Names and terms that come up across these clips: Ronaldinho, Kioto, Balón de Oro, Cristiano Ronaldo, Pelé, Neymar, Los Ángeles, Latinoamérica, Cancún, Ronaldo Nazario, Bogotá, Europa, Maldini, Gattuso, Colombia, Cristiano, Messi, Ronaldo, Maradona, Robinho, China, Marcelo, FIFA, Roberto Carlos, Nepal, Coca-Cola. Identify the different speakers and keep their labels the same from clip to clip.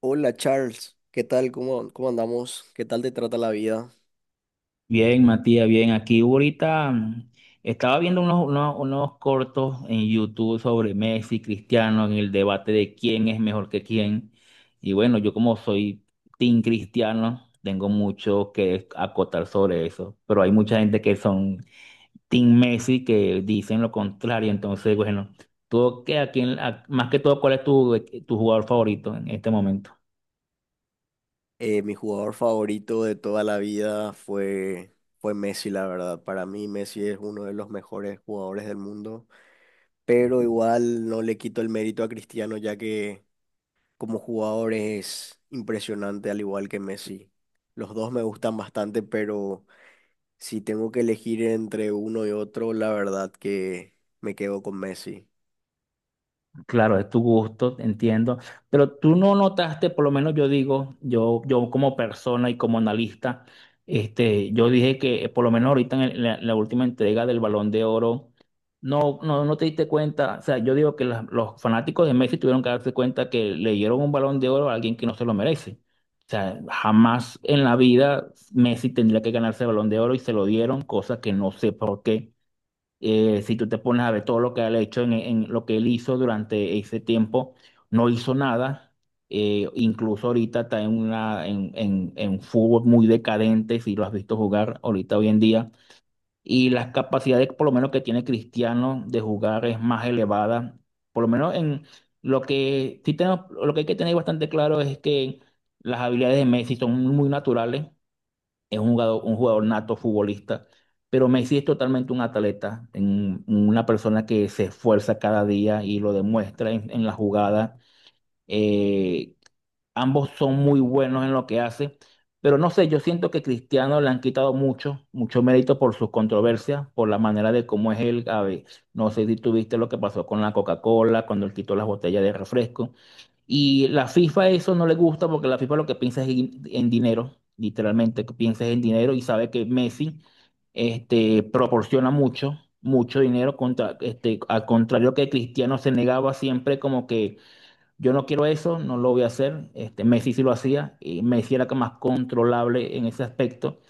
Speaker 1: Hola Charles, ¿qué tal? ¿Cómo andamos? ¿Qué tal te trata la vida?
Speaker 2: Bien, Matías, bien. Aquí ahorita estaba viendo unos cortos en YouTube sobre Messi, Cristiano, en el debate de quién es mejor que quién. Y bueno, yo como soy team cristiano, tengo mucho que acotar sobre eso. Pero hay mucha gente que son team Messi que dicen lo contrario. Entonces, bueno, tú, que a quién, a- más que todo, ¿cuál es tu jugador favorito en este momento?
Speaker 1: Mi jugador favorito de toda la vida fue Messi, la verdad. Para mí Messi es uno de los mejores jugadores del mundo, pero igual no le quito el mérito a Cristiano ya que como jugador es impresionante al igual que Messi. Los dos me gustan bastante, pero si tengo que elegir entre uno y otro, la verdad que me quedo con Messi.
Speaker 2: Claro, es tu gusto, entiendo, pero tú no notaste, por lo menos yo digo, yo como persona y como analista, yo dije que por lo menos ahorita en, el- en la última entrega del Balón de Oro, no te diste cuenta, o sea, yo digo que los fanáticos de Messi tuvieron que darse cuenta que le dieron un Balón de Oro a alguien que no se lo merece. O sea, jamás en la vida Messi tendría que ganarse el Balón de Oro y se lo dieron, cosa que no sé por qué. Si tú te pones a ver todo lo que él ha hecho, en lo que él hizo durante ese tiempo, no hizo nada. Incluso ahorita está en, una, en fútbol muy decadente, si lo has visto jugar ahorita hoy en día. Y las capacidades, por lo menos, que tiene Cristiano de jugar es más elevada. Por lo menos en lo que hay que tener bastante claro es que las habilidades de Messi son muy naturales, es un un jugador nato futbolista, pero Messi es totalmente un atleta, una persona que se esfuerza cada día y lo demuestra en la jugada. Eh, Ambos son muy buenos en lo que hace, pero no sé, yo siento que Cristiano le han quitado mucho mérito por sus controversias, por la manera de cómo es él. A ver, no sé si tuviste lo que pasó con la Coca-Cola, cuando él quitó las botellas de refresco. Y la FIFA eso no le gusta porque la FIFA lo que piensa es en dinero, literalmente, que piensa es en dinero y sabe que Messi, proporciona mucho dinero contra, este, al contrario que Cristiano se negaba siempre como que yo no quiero eso, no lo voy a hacer. Este, Messi sí lo hacía y Messi era más controlable en ese aspecto.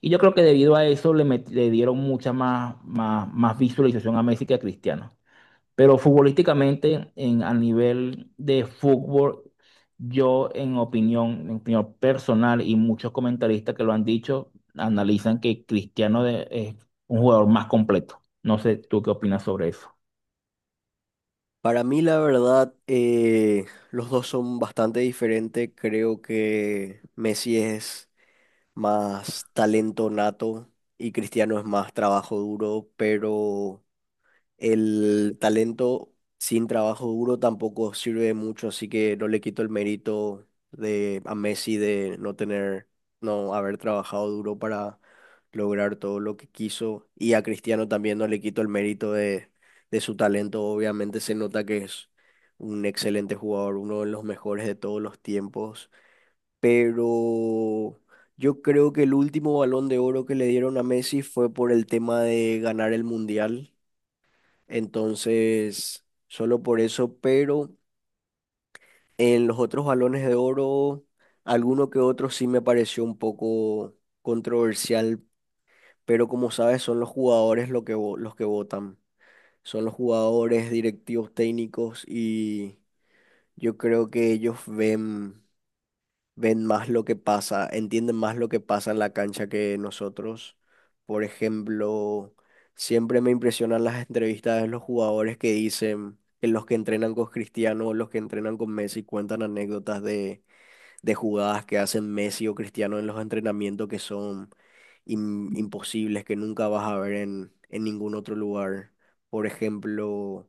Speaker 2: Y yo creo que debido a eso le dieron más visualización a Messi que a Cristiano. Pero futbolísticamente, a nivel de fútbol, yo en en opinión personal, y muchos comentaristas que lo han dicho, analizan que es un jugador más completo. No sé, ¿tú qué opinas sobre eso?
Speaker 1: Para mí, la verdad, los dos son bastante diferentes. Creo que Messi es más talento nato y Cristiano es más trabajo duro, pero el talento sin trabajo duro tampoco sirve de mucho, así que no le quito el mérito de a Messi de no tener, no haber trabajado duro para lograr todo lo que quiso. Y a Cristiano también no le quito el mérito de su talento. Obviamente se nota que es un excelente jugador, uno de los mejores de todos los tiempos. Pero yo creo que el último balón de oro que le dieron a Messi fue por el tema de ganar el Mundial, entonces, solo por eso, pero en los otros balones de oro, alguno que otro sí me pareció un poco controversial, pero como sabes, son los jugadores lo que, los que votan. Son los jugadores, directivos técnicos y yo creo que ellos ven, más lo que pasa, entienden más lo que pasa en la cancha que nosotros. Por ejemplo, siempre me impresionan las entrevistas de los jugadores que dicen que los que entrenan con Cristiano o los que entrenan con Messi cuentan anécdotas de jugadas que hacen Messi o Cristiano en los entrenamientos que son imposibles, que nunca vas a ver en ningún otro lugar. Por ejemplo...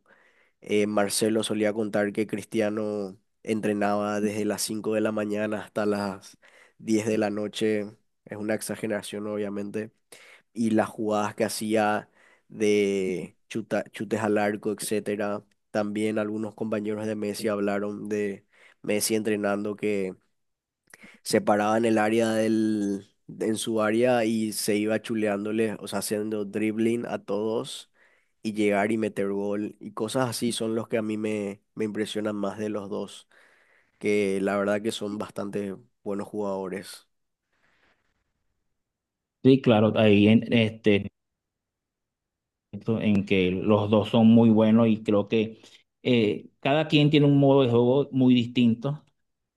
Speaker 1: Marcelo solía contar que Cristiano entrenaba desde las 5 de la mañana hasta las 10 de la noche. Es una exageración, obviamente. Y las jugadas que hacía de chutes al arco, etcétera. También algunos compañeros de Messi hablaron de Messi entrenando que separaban el área del en su área y se iba chuleándole, o sea, haciendo dribbling a todos y llegar y meter gol y cosas así son los que a mí me impresionan más de los dos, que la verdad que son bastante buenos jugadores.
Speaker 2: Sí, claro, esto en que los dos son muy buenos y creo que cada quien tiene un modo de juego muy distinto.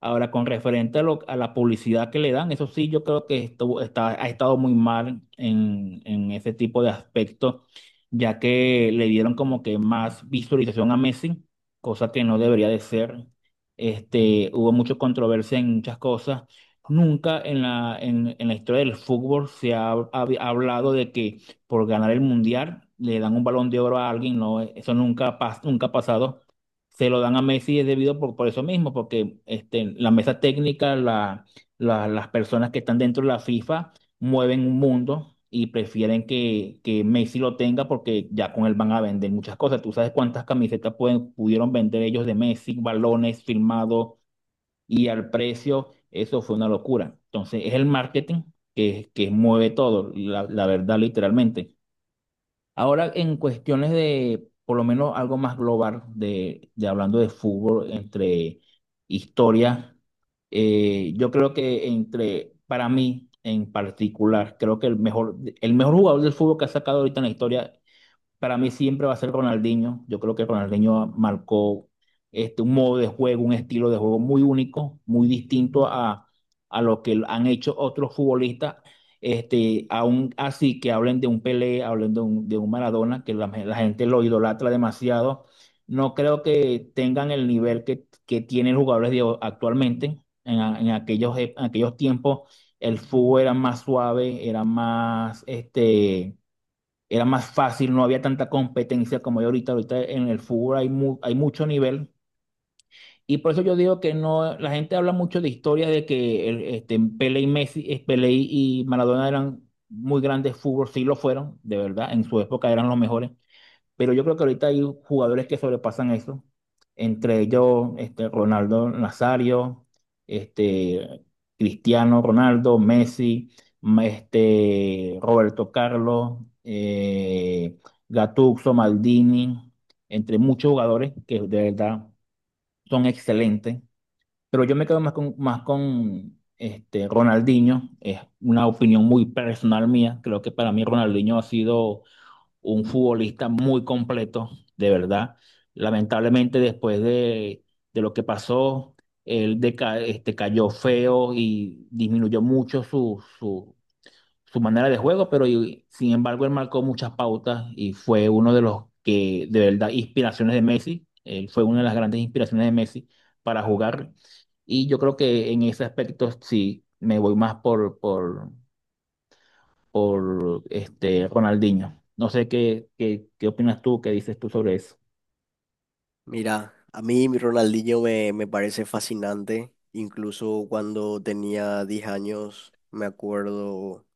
Speaker 2: Ahora, con referente a, a la publicidad que le dan, eso sí, yo creo que esto ha estado muy mal en ese tipo de aspecto, ya que le dieron como que más visualización a Messi, cosa que no debería de ser. Este, hubo mucha controversia en muchas cosas. Nunca en en la historia del fútbol se ha hablado de que por ganar el mundial, le dan un balón de oro a alguien. No, eso nunca, nunca ha pasado. Se lo dan a Messi es debido por eso mismo, porque este, la mesa técnica, las personas que están dentro de la FIFA mueven un mundo y prefieren que Messi lo tenga, porque ya con él van a vender muchas cosas. Tú sabes cuántas camisetas pudieron vender ellos de Messi, balones firmados y al precio, eso fue una locura. Entonces es el marketing que mueve todo, la verdad, literalmente. Ahora, en cuestiones de, por lo menos algo más global, de hablando de fútbol, entre historia, yo creo que entre, para mí en particular, creo que el mejor jugador del fútbol que ha sacado ahorita en la historia, para mí siempre va a ser Ronaldinho. Yo creo que Ronaldinho marcó, este, un modo de juego, un estilo de juego muy único, muy distinto a lo que han hecho otros futbolistas. Este, aún así que hablen de un Pelé, hablen de de un Maradona, que la gente lo idolatra demasiado. No creo que tengan el nivel que tienen los jugadores de actualmente. En aquellos, en aquellos tiempos el fútbol era más suave, era más este, era más fácil, no había tanta competencia como hay ahorita. Ahorita en el fútbol hay mucho nivel. Y por eso yo digo que no, la gente habla mucho de historias de que este, Pelé y Messi, Pelé y Maradona eran muy grandes fútbol, sí lo fueron, de verdad, en su época eran los mejores. Pero yo creo que ahorita hay jugadores que sobrepasan eso, entre ellos este, Ronaldo Nazario, este, Cristiano Ronaldo, Messi, este, Roberto Carlos, Gattuso, Maldini, entre muchos jugadores que de verdad son excelentes. Pero yo me quedo más más con este, Ronaldinho. Es una opinión muy personal mía, creo que para mí Ronaldinho ha sido un futbolista muy completo, de verdad. Lamentablemente después de lo que pasó, este, cayó feo y disminuyó mucho su manera de juego, pero sin embargo él marcó muchas pautas y fue uno de los que, de verdad, inspiraciones de Messi. Él fue una de las grandes inspiraciones de Messi para jugar. Y yo creo que en ese aspecto sí me voy más por este Ronaldinho. No sé qué opinas tú, qué dices tú sobre eso.
Speaker 1: Mira, a mí mi Ronaldinho me parece fascinante, incluso cuando tenía 10 años, me acuerdo.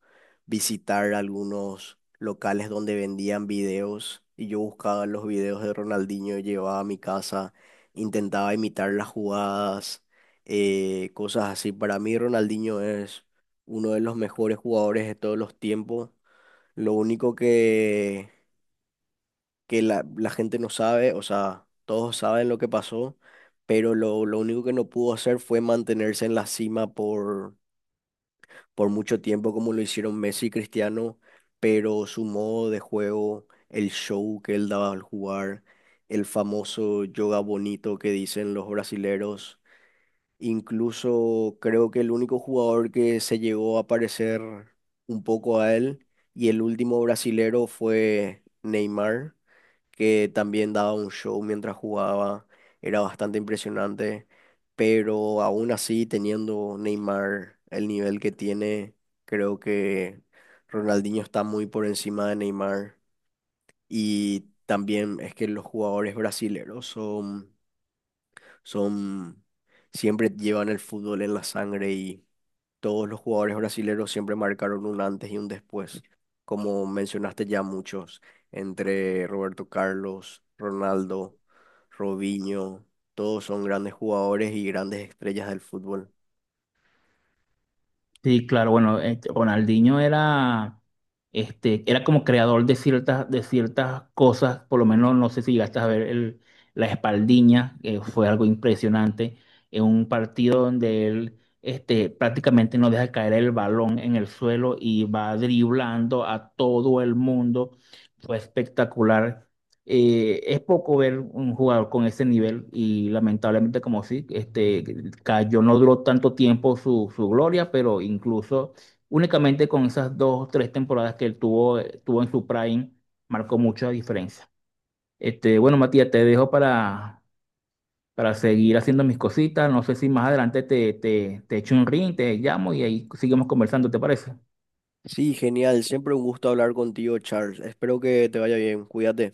Speaker 1: Visitar algunos locales donde vendían videos y yo buscaba los videos de Ronaldinho, llevaba a mi casa, intentaba imitar las jugadas, cosas así. Para mí Ronaldinho es uno de los mejores jugadores de todos los tiempos. Lo único que la gente no sabe, o sea, todos saben lo que pasó, pero lo único que no pudo hacer fue mantenerse en la cima por mucho tiempo como lo hicieron Messi y Cristiano, pero su modo de juego, el show que él daba al jugar, el famoso yoga bonito que dicen los brasileros. Incluso creo que el único jugador que se llegó a parecer un poco a él y el último brasilero fue Neymar, que también daba un show mientras jugaba, era bastante impresionante, pero aún así teniendo Neymar el nivel que tiene, creo que Ronaldinho está muy por encima de Neymar, y también es que los jugadores brasileños son, siempre llevan el fútbol en la sangre, y todos los jugadores brasileños siempre marcaron un antes y un después. Como mencionaste ya muchos, entre Roberto Carlos, Ronaldo, Robinho, todos son grandes jugadores y grandes estrellas del fútbol.
Speaker 2: Sí, claro, bueno, este, Ronaldinho era, este, era como creador de ciertas cosas, por lo menos no sé si llegaste a ver la espaldiña, que fue algo impresionante, en un partido donde él este, prácticamente no deja caer el balón en el suelo y va driblando a todo el mundo, fue espectacular. Eh, es poco ver un jugador con ese nivel y lamentablemente como sí, este, cayó, no duró tanto tiempo su gloria, pero incluso únicamente con esas dos o tres temporadas que él tuvo, tuvo en su prime, marcó mucha diferencia. Este, bueno, Matías, te dejo para seguir haciendo mis cositas. No sé si más adelante te echo un ring, te llamo y ahí seguimos conversando, ¿te parece?
Speaker 1: Sí, genial, siempre un gusto hablar contigo, Charles. Espero que te vaya bien, cuídate.